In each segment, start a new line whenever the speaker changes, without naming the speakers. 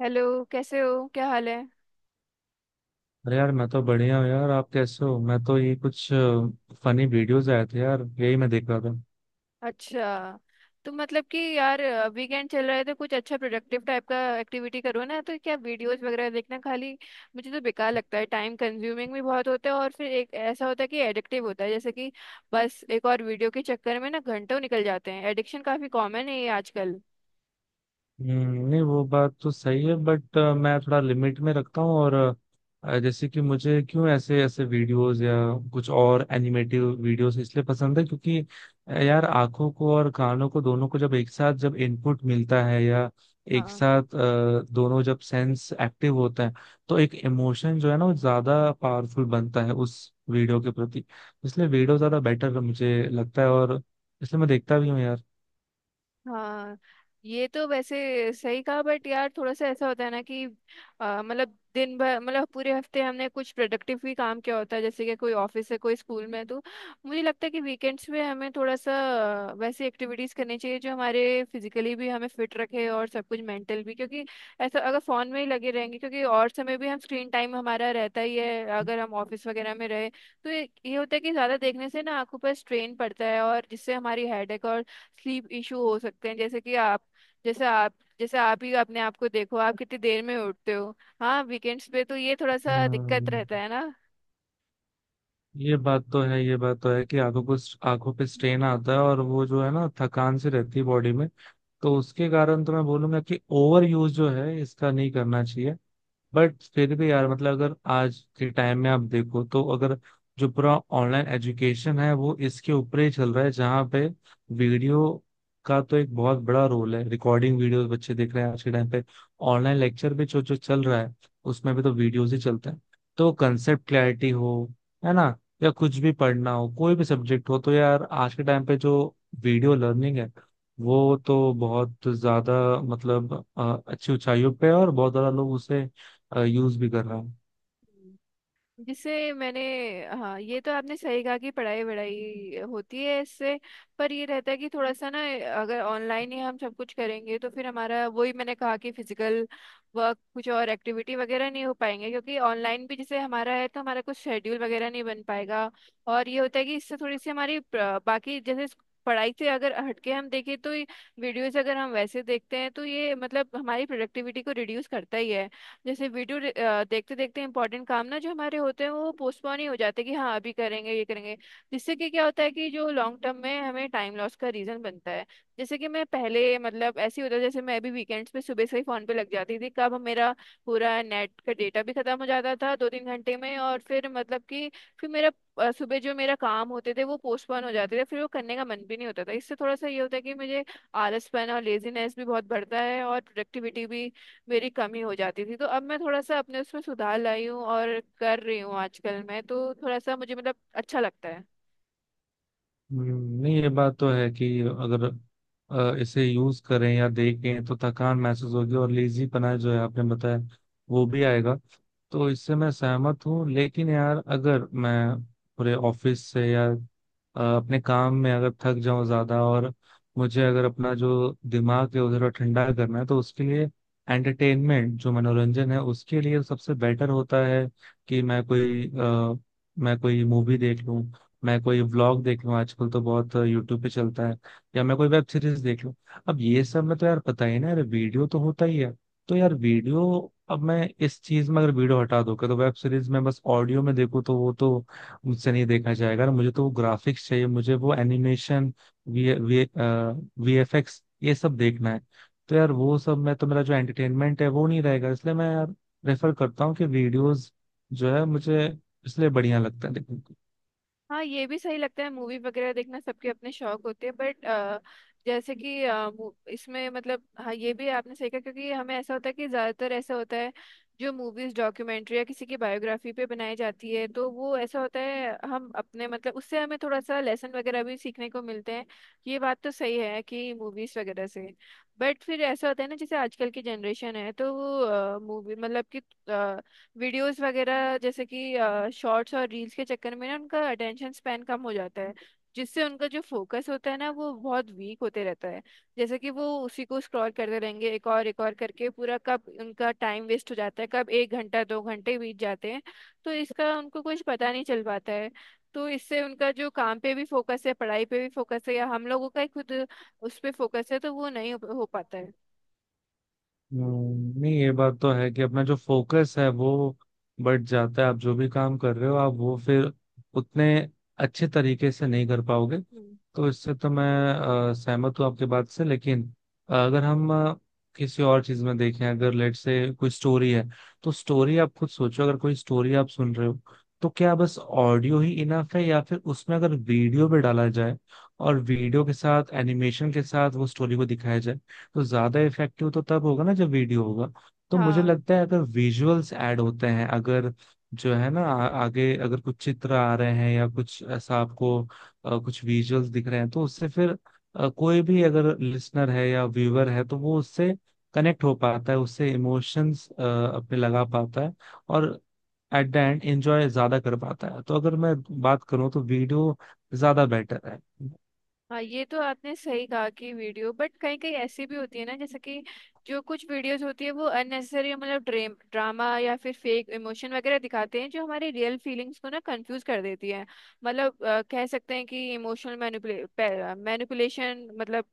Hello. कैसे हो? क्या हाल है?
अरे यार, मैं तो बढ़िया हूँ यार। आप कैसे हो? मैं तो ये कुछ फनी वीडियोस आए थे यार, यही मैं देख रहा था।
अच्छा। तो मतलब कि यार, वीकेंड चल रहा है तो कुछ अच्छा प्रोडक्टिव टाइप का एक्टिविटी करो ना। तो क्या वीडियोस वगैरह देखना? खाली मुझे तो बेकार लगता है। टाइम कंज्यूमिंग भी बहुत होता है और फिर एक ऐसा होता है कि एडिक्टिव होता है, जैसे कि बस एक और वीडियो के चक्कर में ना घंटों निकल जाते हैं। एडिक्शन काफी कॉमन है ये आजकल।
हम्म। नहीं, वो बात तो सही है बट मैं थोड़ा लिमिट में रखता हूँ। और जैसे कि मुझे क्यों ऐसे ऐसे वीडियोस या कुछ और एनिमेटिव वीडियोस इसलिए पसंद है क्योंकि यार, आंखों को और कानों को दोनों को जब एक साथ जब इनपुट मिलता है, या एक
हाँ।
साथ दोनों जब सेंस एक्टिव होते हैं, तो एक इमोशन जो है ना, वो ज्यादा पावरफुल बनता है उस वीडियो के प्रति। इसलिए वीडियो ज्यादा बेटर मुझे लगता है, और इसलिए मैं देखता भी हूँ यार।
हाँ, ये तो वैसे सही कहा, बट यार थोड़ा सा ऐसा होता है ना कि मतलब दिन भर, मतलब पूरे हफ्ते हमने कुछ प्रोडक्टिव भी काम किया होता है, जैसे कि कोई ऑफिस है, कोई स्कूल में है, तो मुझे लगता है कि वीकेंड्स में हमें थोड़ा सा वैसी एक्टिविटीज करनी चाहिए जो हमारे फिजिकली भी हमें फिट रखे और सब कुछ मेंटल भी। क्योंकि ऐसा अगर फोन में ही लगे रहेंगे, क्योंकि और समय भी हम स्क्रीन टाइम हमारा रहता ही है अगर हम ऑफिस वगैरह में रहे, तो ये होता है कि ज्यादा देखने से ना आंखों पर स्ट्रेन पड़ता है और जिससे हमारी हेडेक, स्लीप इशू हो सकते हैं। जैसे कि जैसे आप आप ही अपने आप को देखो, आप कितनी देर में उठते हो। हाँ, वीकेंड्स पे तो ये थोड़ा सा दिक्कत
हम्म।
रहता है ना।
ये बात तो है, ये बात तो है कि आंखों को, आंखों पे स्ट्रेन आता है, और वो जो है ना, थकान सी रहती है बॉडी में। तो उसके कारण तो मैं बोलूंगा कि ओवर यूज जो है इसका नहीं करना चाहिए। बट फिर भी यार मतलब अगर आज के टाइम में आप देखो तो अगर जो पूरा ऑनलाइन एजुकेशन है वो इसके ऊपर ही चल रहा है, जहाँ पे वीडियो का तो एक बहुत बड़ा रोल है। रिकॉर्डिंग वीडियोस बच्चे देख रहे हैं आज के टाइम पे। ऑनलाइन लेक्चर भी जो जो चल रहा है, उसमें भी तो वीडियोस ही चलते हैं। तो कंसेप्ट क्लैरिटी हो, है ना, या कुछ भी पढ़ना हो, कोई भी सब्जेक्ट हो, तो यार आज के टाइम पे जो वीडियो लर्निंग है, वो तो बहुत ज्यादा, मतलब अच्छी ऊंचाइयों पे है, और बहुत ज्यादा लोग उसे यूज भी कर रहा हूँ।
जिससे मैंने, हाँ ये तो आपने सही कहा कि पढ़ाई वढ़ाई होती है इससे। पर ये रहता है कि थोड़ा सा ना, अगर ऑनलाइन ही हम सब कुछ करेंगे तो फिर हमारा, वही मैंने कहा कि फिजिकल वर्क कुछ और एक्टिविटी वगैरह नहीं हो पाएंगे, क्योंकि ऑनलाइन भी जैसे हमारा है तो हमारा कुछ शेड्यूल वगैरह नहीं बन पाएगा। और ये होता है कि इससे थोड़ी सी हमारी प्र- बाकी जैसे इस पढ़ाई से अगर हटके हम देखें तो वीडियोस, अगर हम वैसे देखते हैं तो ये मतलब हमारी प्रोडक्टिविटी को रिड्यूस करता ही है। जैसे वीडियो देखते देखते इंपॉर्टेंट काम ना जो हमारे होते हैं वो पोस्टपोन ही हो जाते हैं कि हाँ अभी करेंगे, ये करेंगे। जिससे कि क्या होता है कि जो लॉन्ग टर्म में हमें टाइम लॉस का रीजन बनता है। जैसे कि मैं पहले, मतलब ऐसे ही होता था, जैसे मैं अभी वीकेंड्स पे सुबह से ही फोन पे लग जाती थी, कब मेरा पूरा नेट का डेटा भी खत्म हो जाता था दो तीन घंटे में, और फिर मतलब कि फिर मेरा सुबह जो मेरा काम होते थे वो पोस्टपोन हो जाते थे, फिर वो करने का मन भी नहीं होता था। इससे थोड़ा सा ये होता है कि मुझे आलसपन और लेजीनेस भी बहुत बढ़ता है और प्रोडक्टिविटी भी मेरी कमी हो जाती थी। तो अब मैं थोड़ा सा अपने उसमें सुधार लाई हूँ और कर रही हूँ। आजकल मैं तो थोड़ा सा मुझे, मतलब अच्छा लगता है।
हम्म। नहीं, ये बात तो है कि अगर इसे यूज करें या देखें तो थकान महसूस होगी, और लेजी पना जो है, आपने बताया, वो भी आएगा। तो इससे मैं सहमत हूँ। लेकिन यार, अगर मैं पूरे ऑफिस से या अपने काम में अगर थक जाऊं ज्यादा, और मुझे अगर अपना जो दिमाग है उधर ठंडा करना है, तो उसके लिए एंटरटेनमेंट, जो मनोरंजन है, उसके लिए सबसे बेटर होता है कि मैं कोई मैं कोई मूवी देख लूं, मैं कोई व्लॉग देख लूं, आजकल तो बहुत यूट्यूब पे चलता है, या मैं कोई वेब सीरीज देख लूं। अब ये सब में तो यार पता ही ना यार, वीडियो तो होता ही है। तो यार वीडियो, अब मैं इस चीज में अगर वीडियो हटा दूं, कि तो वेब सीरीज में बस ऑडियो में देखूं, तो वो तो मुझसे नहीं देखा जाएगा ना। मुझे तो वो ग्राफिक्स चाहिए, मुझे वो एनिमेशन, वी वी वीएफएक्स ये सब देखना है। तो यार वो सब में तो मेरा जो एंटरटेनमेंट है वो नहीं रहेगा। इसलिए मैं यार रेफर करता हूँ कि वीडियोज जो है मुझे इसलिए बढ़िया लगता है।
हाँ, ये भी सही लगता है। मूवी वगैरह देखना सबके अपने शौक होते हैं, बट जैसे कि मू- इसमें, मतलब हाँ ये भी आपने सही कहा, क्योंकि हमें ऐसा होता है कि ज़्यादातर ऐसा होता है जो मूवीज, डॉक्यूमेंट्री या किसी की बायोग्राफी पे बनाई जाती है, तो वो ऐसा होता है हम अपने, मतलब उससे हमें थोड़ा सा लेसन वगैरह भी सीखने को मिलते हैं। ये बात तो सही है कि मूवीज वगैरह से, बट फिर ऐसा होता है ना, जैसे आजकल की जनरेशन है तो वो मूवी मतलब कि वीडियोस वगैरह, जैसे कि शॉर्ट्स और रील्स के चक्कर में ना उनका अटेंशन स्पैन कम हो जाता है। जिससे उनका जो फोकस होता है ना वो बहुत वीक होते रहता है। जैसे कि वो उसी को स्क्रॉल करते रहेंगे, एक और करके, पूरा कब उनका टाइम वेस्ट हो जाता है, कब एक घंटा दो घंटे बीत जाते हैं, तो इसका उनको कुछ पता नहीं चल पाता है। तो इससे उनका जो काम पे भी फोकस है, पढ़ाई पे भी फोकस है, या हम लोगों का ही खुद उस पे फोकस है, तो वो नहीं हो पाता है।
हम्म। नहीं, ये बात तो है कि अपना जो फोकस है वो बढ़ जाता है, आप जो भी काम कर रहे हो आप वो फिर उतने अच्छे तरीके से नहीं कर पाओगे।
हम्म।
तो इससे तो मैं सहमत हूँ आपके बात से। लेकिन अगर हम किसी और चीज में देखें, अगर लेट से कोई स्टोरी है, तो स्टोरी आप खुद सोचो, अगर कोई स्टोरी आप सुन रहे हो, तो क्या बस ऑडियो ही इनफ है, या फिर उसमें अगर वीडियो भी डाला जाए, और वीडियो के साथ एनिमेशन के साथ वो स्टोरी को दिखाया जाए, तो ज्यादा इफेक्टिव तो तब होगा ना जब वीडियो होगा। तो मुझे
हाँ।
लगता है अगर विजुअल्स ऐड होते हैं, अगर जो है ना आगे अगर कुछ चित्र आ रहे हैं या कुछ ऐसा आपको कुछ विजुअल्स दिख रहे हैं, तो उससे फिर कोई भी अगर लिसनर है या व्यूअर है, तो वो उससे कनेक्ट हो पाता है, उससे इमोशंस अपने लगा पाता है, और एट द एंड एंजॉय ज्यादा कर पाता है। तो अगर मैं बात करूं तो वीडियो ज्यादा बेटर है।
हाँ, ये तो आपने सही कहा कि वीडियो, बट कहीं कहीं ऐसी भी होती है ना, जैसे कि जो कुछ वीडियोस होती है वो अननेसेसरी, मतलब ड्रेम ड्रामा या फिर फेक इमोशन वगैरह दिखाते हैं, जो हमारी रियल फीलिंग्स को ना कंफ्यूज कर देती है। मतलब कह सकते हैं कि इमोशनल मैनिपुले, मैनिपुलेशन मतलब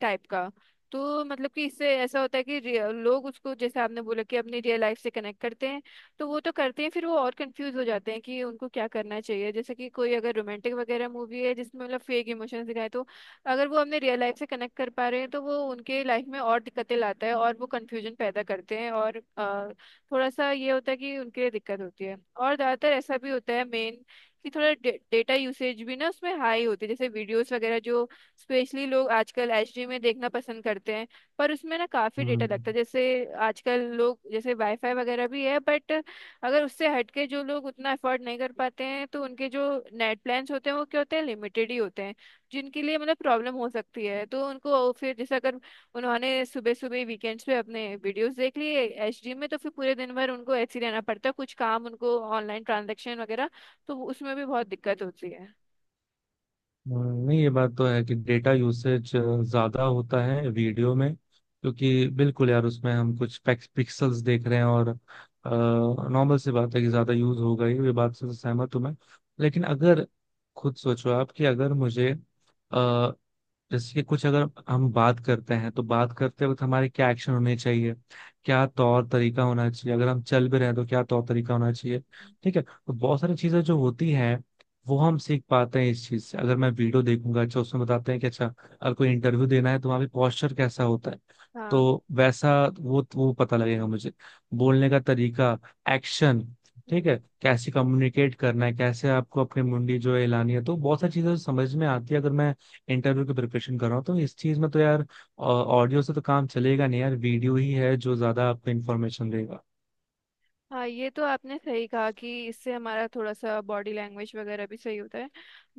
टाइप का। तो मतलब कि इससे ऐसा होता है कि रि- लोग उसको जैसे आपने बोला कि अपनी रियल लाइफ से कनेक्ट करते हैं, तो वो तो करते हैं, फिर वो और कंफ्यूज हो जाते हैं कि उनको क्या करना चाहिए। जैसे कि कोई अगर रोमांटिक वगैरह मूवी है, जिसमें मतलब फेक इमोशंस दिखाए, तो अगर वो अपने रियल लाइफ से कनेक्ट कर पा रहे हैं, तो वो उनके लाइफ में और दिक्कतें लाता है और वो कंफ्यूजन पैदा करते हैं। और थोड़ा सा ये होता है कि उनके लिए दिक्कत होती है। और ज़्यादातर ऐसा भी होता है मेन, कि थोड़ा डेटा यूसेज भी ना उसमें हाई होती है। जैसे वीडियोस वगैरह जो स्पेशली लोग आजकल एचडी में देखना पसंद करते हैं, पर उसमें ना काफ़ी डेटा
हम्म।
लगता है। जैसे आजकल लोग जैसे वाईफाई वगैरह भी है, बट अगर उससे हटके जो लोग उतना अफोर्ड नहीं कर पाते हैं, तो उनके जो नेट प्लान्स होते हैं वो क्या होते हैं, लिमिटेड ही होते हैं, जिनके लिए मतलब प्रॉब्लम हो सकती है। तो उनको फिर जैसे अगर उन्होंने सुबह सुबह वीकेंड्स पे अपने वीडियोस देख लिए एचडी में, तो फिर पूरे दिन भर उनको ऐसे ही रहना पड़ता है। कुछ काम उनको ऑनलाइन ट्रांजेक्शन वगैरह, तो उसमें भी बहुत दिक्कत होती है।
हम्म। नहीं, ये बात तो है कि डेटा यूसेज ज्यादा होता है वीडियो में, क्योंकि बिल्कुल यार उसमें हम कुछ पिक्सल्स देख रहे हैं, और नॉर्मल सी बात है कि ज्यादा यूज होगा ही। ये बात से तो सहमत हूं मैं। लेकिन अगर खुद सोचो आप, कि अगर मुझे जैसे कि कुछ अगर हम बात करते हैं, तो बात करते वक्त हमारे क्या एक्शन होने चाहिए, क्या तौर तरीका होना चाहिए, अगर हम चल भी रहे हैं तो क्या तौर तरीका होना चाहिए। ठीक है, तो बहुत सारी चीजें जो होती हैं, वो हम सीख पाते हैं इस चीज से। अगर मैं वीडियो देखूंगा, अच्छा, उसमें बताते हैं कि अच्छा, अगर कोई इंटरव्यू देना है तो वहाँ पे पॉस्चर कैसा होता है,
हाँ।
तो वैसा वो पता लगेगा मुझे। बोलने का तरीका, एक्शन, ठीक है,
हम्म।
कैसे कम्युनिकेट करना है, कैसे आपको अपनी मुंडी जो है हिलानी है, तो बहुत सारी चीजें समझ में आती है। अगर मैं इंटरव्यू की प्रिपरेशन कर रहा हूँ, तो इस चीज में तो यार ऑडियो से तो काम चलेगा नहीं यार, वीडियो ही है जो ज्यादा आपको इन्फॉर्मेशन देगा।
हाँ, ये तो आपने सही कहा कि इससे हमारा थोड़ा सा बॉडी लैंग्वेज वगैरह भी सही होता है।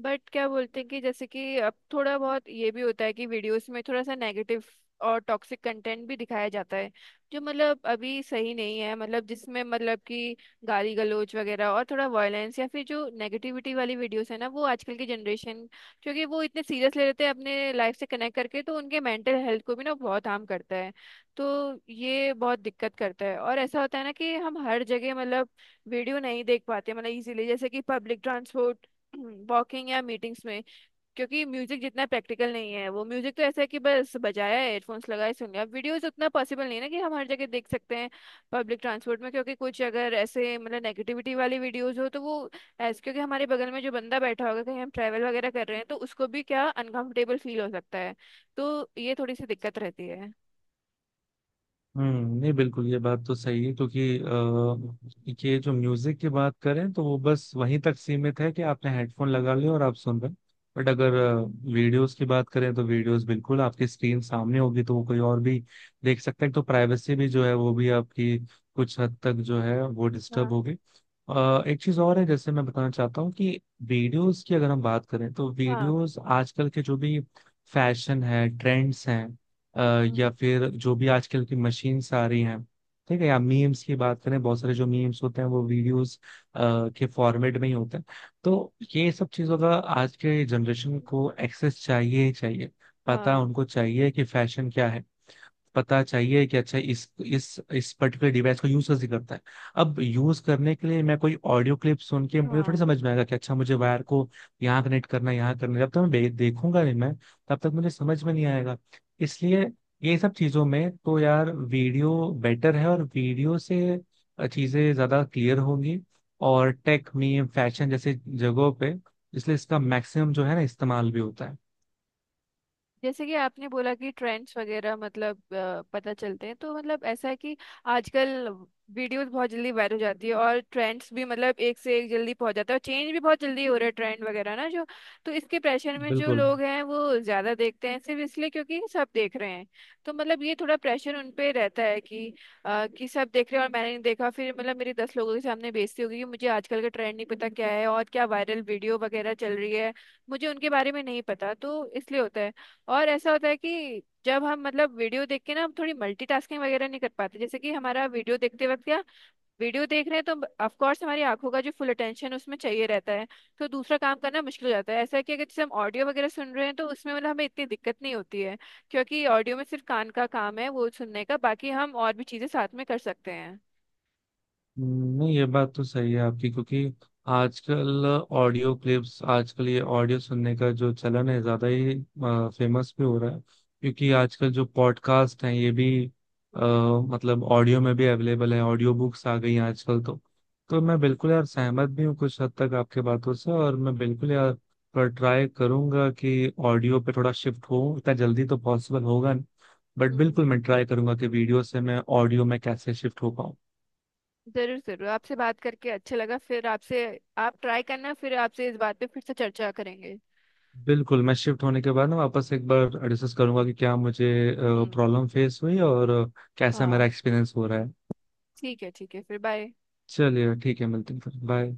बट क्या बोलते हैं कि जैसे कि अब थोड़ा बहुत ये भी होता है कि वीडियोस में थोड़ा सा नेगेटिव और टॉक्सिक कंटेंट भी दिखाया जाता है, जो मतलब अभी सही नहीं है। मतलब जिसमें मतलब कि गाली गलौज वगैरह और थोड़ा वायलेंस या फिर जो नेगेटिविटी वाली वीडियोस है ना, वो आजकल की जनरेशन, क्योंकि वो इतने सीरियस ले लेते हैं अपने लाइफ से कनेक्ट करके, तो उनके मेंटल हेल्थ को भी ना बहुत हार्म करता है। तो ये बहुत दिक्कत करता है। और ऐसा होता है ना कि हम हर जगह मतलब वीडियो नहीं देख पाते, मतलब इजीली, जैसे कि पब्लिक ट्रांसपोर्ट, वॉकिंग या मीटिंग्स में। क्योंकि म्यूजिक जितना प्रैक्टिकल नहीं है, वो म्यूजिक तो ऐसा है कि बस बजाया, हेडफोन्स लगाए, सुन लिया, वीडियोस उतना पॉसिबल नहीं है ना कि हम हर जगह देख सकते हैं। पब्लिक ट्रांसपोर्ट में क्योंकि कुछ अगर ऐसे मतलब नेगेटिविटी वाली वीडियोस हो तो वो ऐसे, क्योंकि हमारे बगल में जो बंदा बैठा होगा, कहीं हम ट्रैवल वगैरह कर रहे हैं, तो उसको भी क्या अनकंफर्टेबल फील हो सकता है। तो ये थोड़ी सी दिक्कत रहती है।
हम्म। नहीं, बिल्कुल, ये बात तो सही है क्योंकि ये जो म्यूजिक की बात करें तो वो बस वहीं तक सीमित है कि आपने हेडफोन लगा लिया और आप सुन रहे हैं। बट अगर वीडियोस की बात करें, तो वीडियोस बिल्कुल आपकी स्क्रीन सामने होगी, तो वो कोई और भी देख सकता है। तो प्राइवेसी भी जो है वो भी आपकी कुछ हद तक जो है वो डिस्टर्ब
हाँ।
होगी। एक चीज और है जैसे मैं बताना चाहता हूँ, कि वीडियोस की अगर हम बात करें, तो
हाँ।
वीडियोस, आजकल के जो भी फैशन है, ट्रेंड्स हैं,
हम्म।
या फिर जो भी आजकल की मशीन्स आ रही हैं, ठीक है, या मीम्स की बात करें, बहुत सारे जो मीम्स होते हैं वो वीडियोस के फॉर्मेट में ही होते हैं। तो ये सब चीजों का आज के जनरेशन को एक्सेस चाहिए ही चाहिए। पता
हाँ।
उनको चाहिए कि फैशन क्या है, पता चाहिए कि अच्छा इस पर्टिकुलर डिवाइस को यूज कैसे करता है। अब यूज करने के लिए मैं कोई ऑडियो क्लिप सुन के मुझे थोड़ी
हाँ।
समझ में आएगा कि अच्छा मुझे वायर को यहाँ कनेक्ट करना है, यहाँ करना है। जब तक मैं देखूंगा नहीं मैं, तब तक मुझे समझ में नहीं आएगा। इसलिए ये सब चीजों में तो यार वीडियो बेटर है, और वीडियो से चीजें ज्यादा क्लियर होंगी। और टेक, मीम, फैशन जैसे जगहों पे इसलिए इसका मैक्सिमम जो है ना इस्तेमाल भी होता है।
जैसे कि आपने बोला कि ट्रेंड्स वगैरह, मतलब पता चलते हैं, तो मतलब ऐसा है कि आजकल वीडियोस बहुत जल्दी वायरल हो जाती है और ट्रेंड्स भी, मतलब एक से एक जल्दी पहुंच जाता है, और चेंज भी बहुत जल्दी हो रहा है ट्रेंड वगैरह ना जो। तो इसके प्रेशर में जो
बिल्कुल।
लोग हैं वो ज्यादा देखते हैं सिर्फ इसलिए क्योंकि सब देख रहे हैं। तो मतलब ये थोड़ा प्रेशर उन पे रहता है कि कि सब देख रहे हैं और मैंने नहीं देखा, फिर मतलब मेरी 10 लोगों के सामने बेइज्जती होगी कि मुझे आजकल का ट्रेंड नहीं पता क्या है और क्या वायरल वीडियो वगैरह चल रही है, मुझे उनके बारे में नहीं पता, तो इसलिए होता है। और ऐसा होता है कि जब हम मतलब वीडियो देख के ना हम थोड़ी मल्टीटास्किंग वगैरह नहीं कर पाते। जैसे कि हमारा वीडियो देखते वक्त क्या, वीडियो देख रहे हैं तो ऑफ कोर्स हमारी आंखों का जो फुल अटेंशन उसमें चाहिए रहता है, तो दूसरा काम करना मुश्किल हो जाता है। ऐसा है कि अगर जैसे हम ऑडियो वगैरह सुन रहे हैं, तो उसमें मतलब हमें इतनी दिक्कत नहीं होती है, क्योंकि ऑडियो में सिर्फ कान का काम है वो सुनने का, बाकी हम और भी चीजें साथ में कर सकते हैं।
हम्म। नहीं, ये बात तो सही है आपकी, क्योंकि आजकल ऑडियो क्लिप्स, आजकल ये ऑडियो सुनने का जो चलन है ज्यादा ही फेमस भी हो रहा है, क्योंकि आजकल जो पॉडकास्ट हैं ये भी आ,
हम्म।
मतलब ऑडियो में भी अवेलेबल है, ऑडियो बुक्स आ गई हैं आजकल तो। तो मैं बिल्कुल यार सहमत भी हूँ कुछ हद तक आपके बातों से, और मैं बिल्कुल यार पर ट्राई करूंगा कि ऑडियो पे थोड़ा शिफ्ट हो। इतना जल्दी तो पॉसिबल होगा नहीं, बट
हम्म,
बिल्कुल मैं ट्राई करूंगा कि वीडियो से मैं ऑडियो में कैसे शिफ्ट हो पाऊँ।
जरूर जरूर, आपसे बात करके अच्छा लगा। फिर आपसे, आप ट्राई करना, फिर आपसे इस बात पे फिर से चर्चा करेंगे।
बिल्कुल, मैं शिफ्ट होने के बाद ना वापस एक बार डिस्कस करूंगा कि क्या मुझे
हम्म।
प्रॉब्लम फेस हुई, और कैसा मेरा
हाँ,
एक्सपीरियंस हो रहा है।
ठीक है ठीक है, फिर बाय।
चलिए, ठीक है, मिलते हैं फिर। बाय।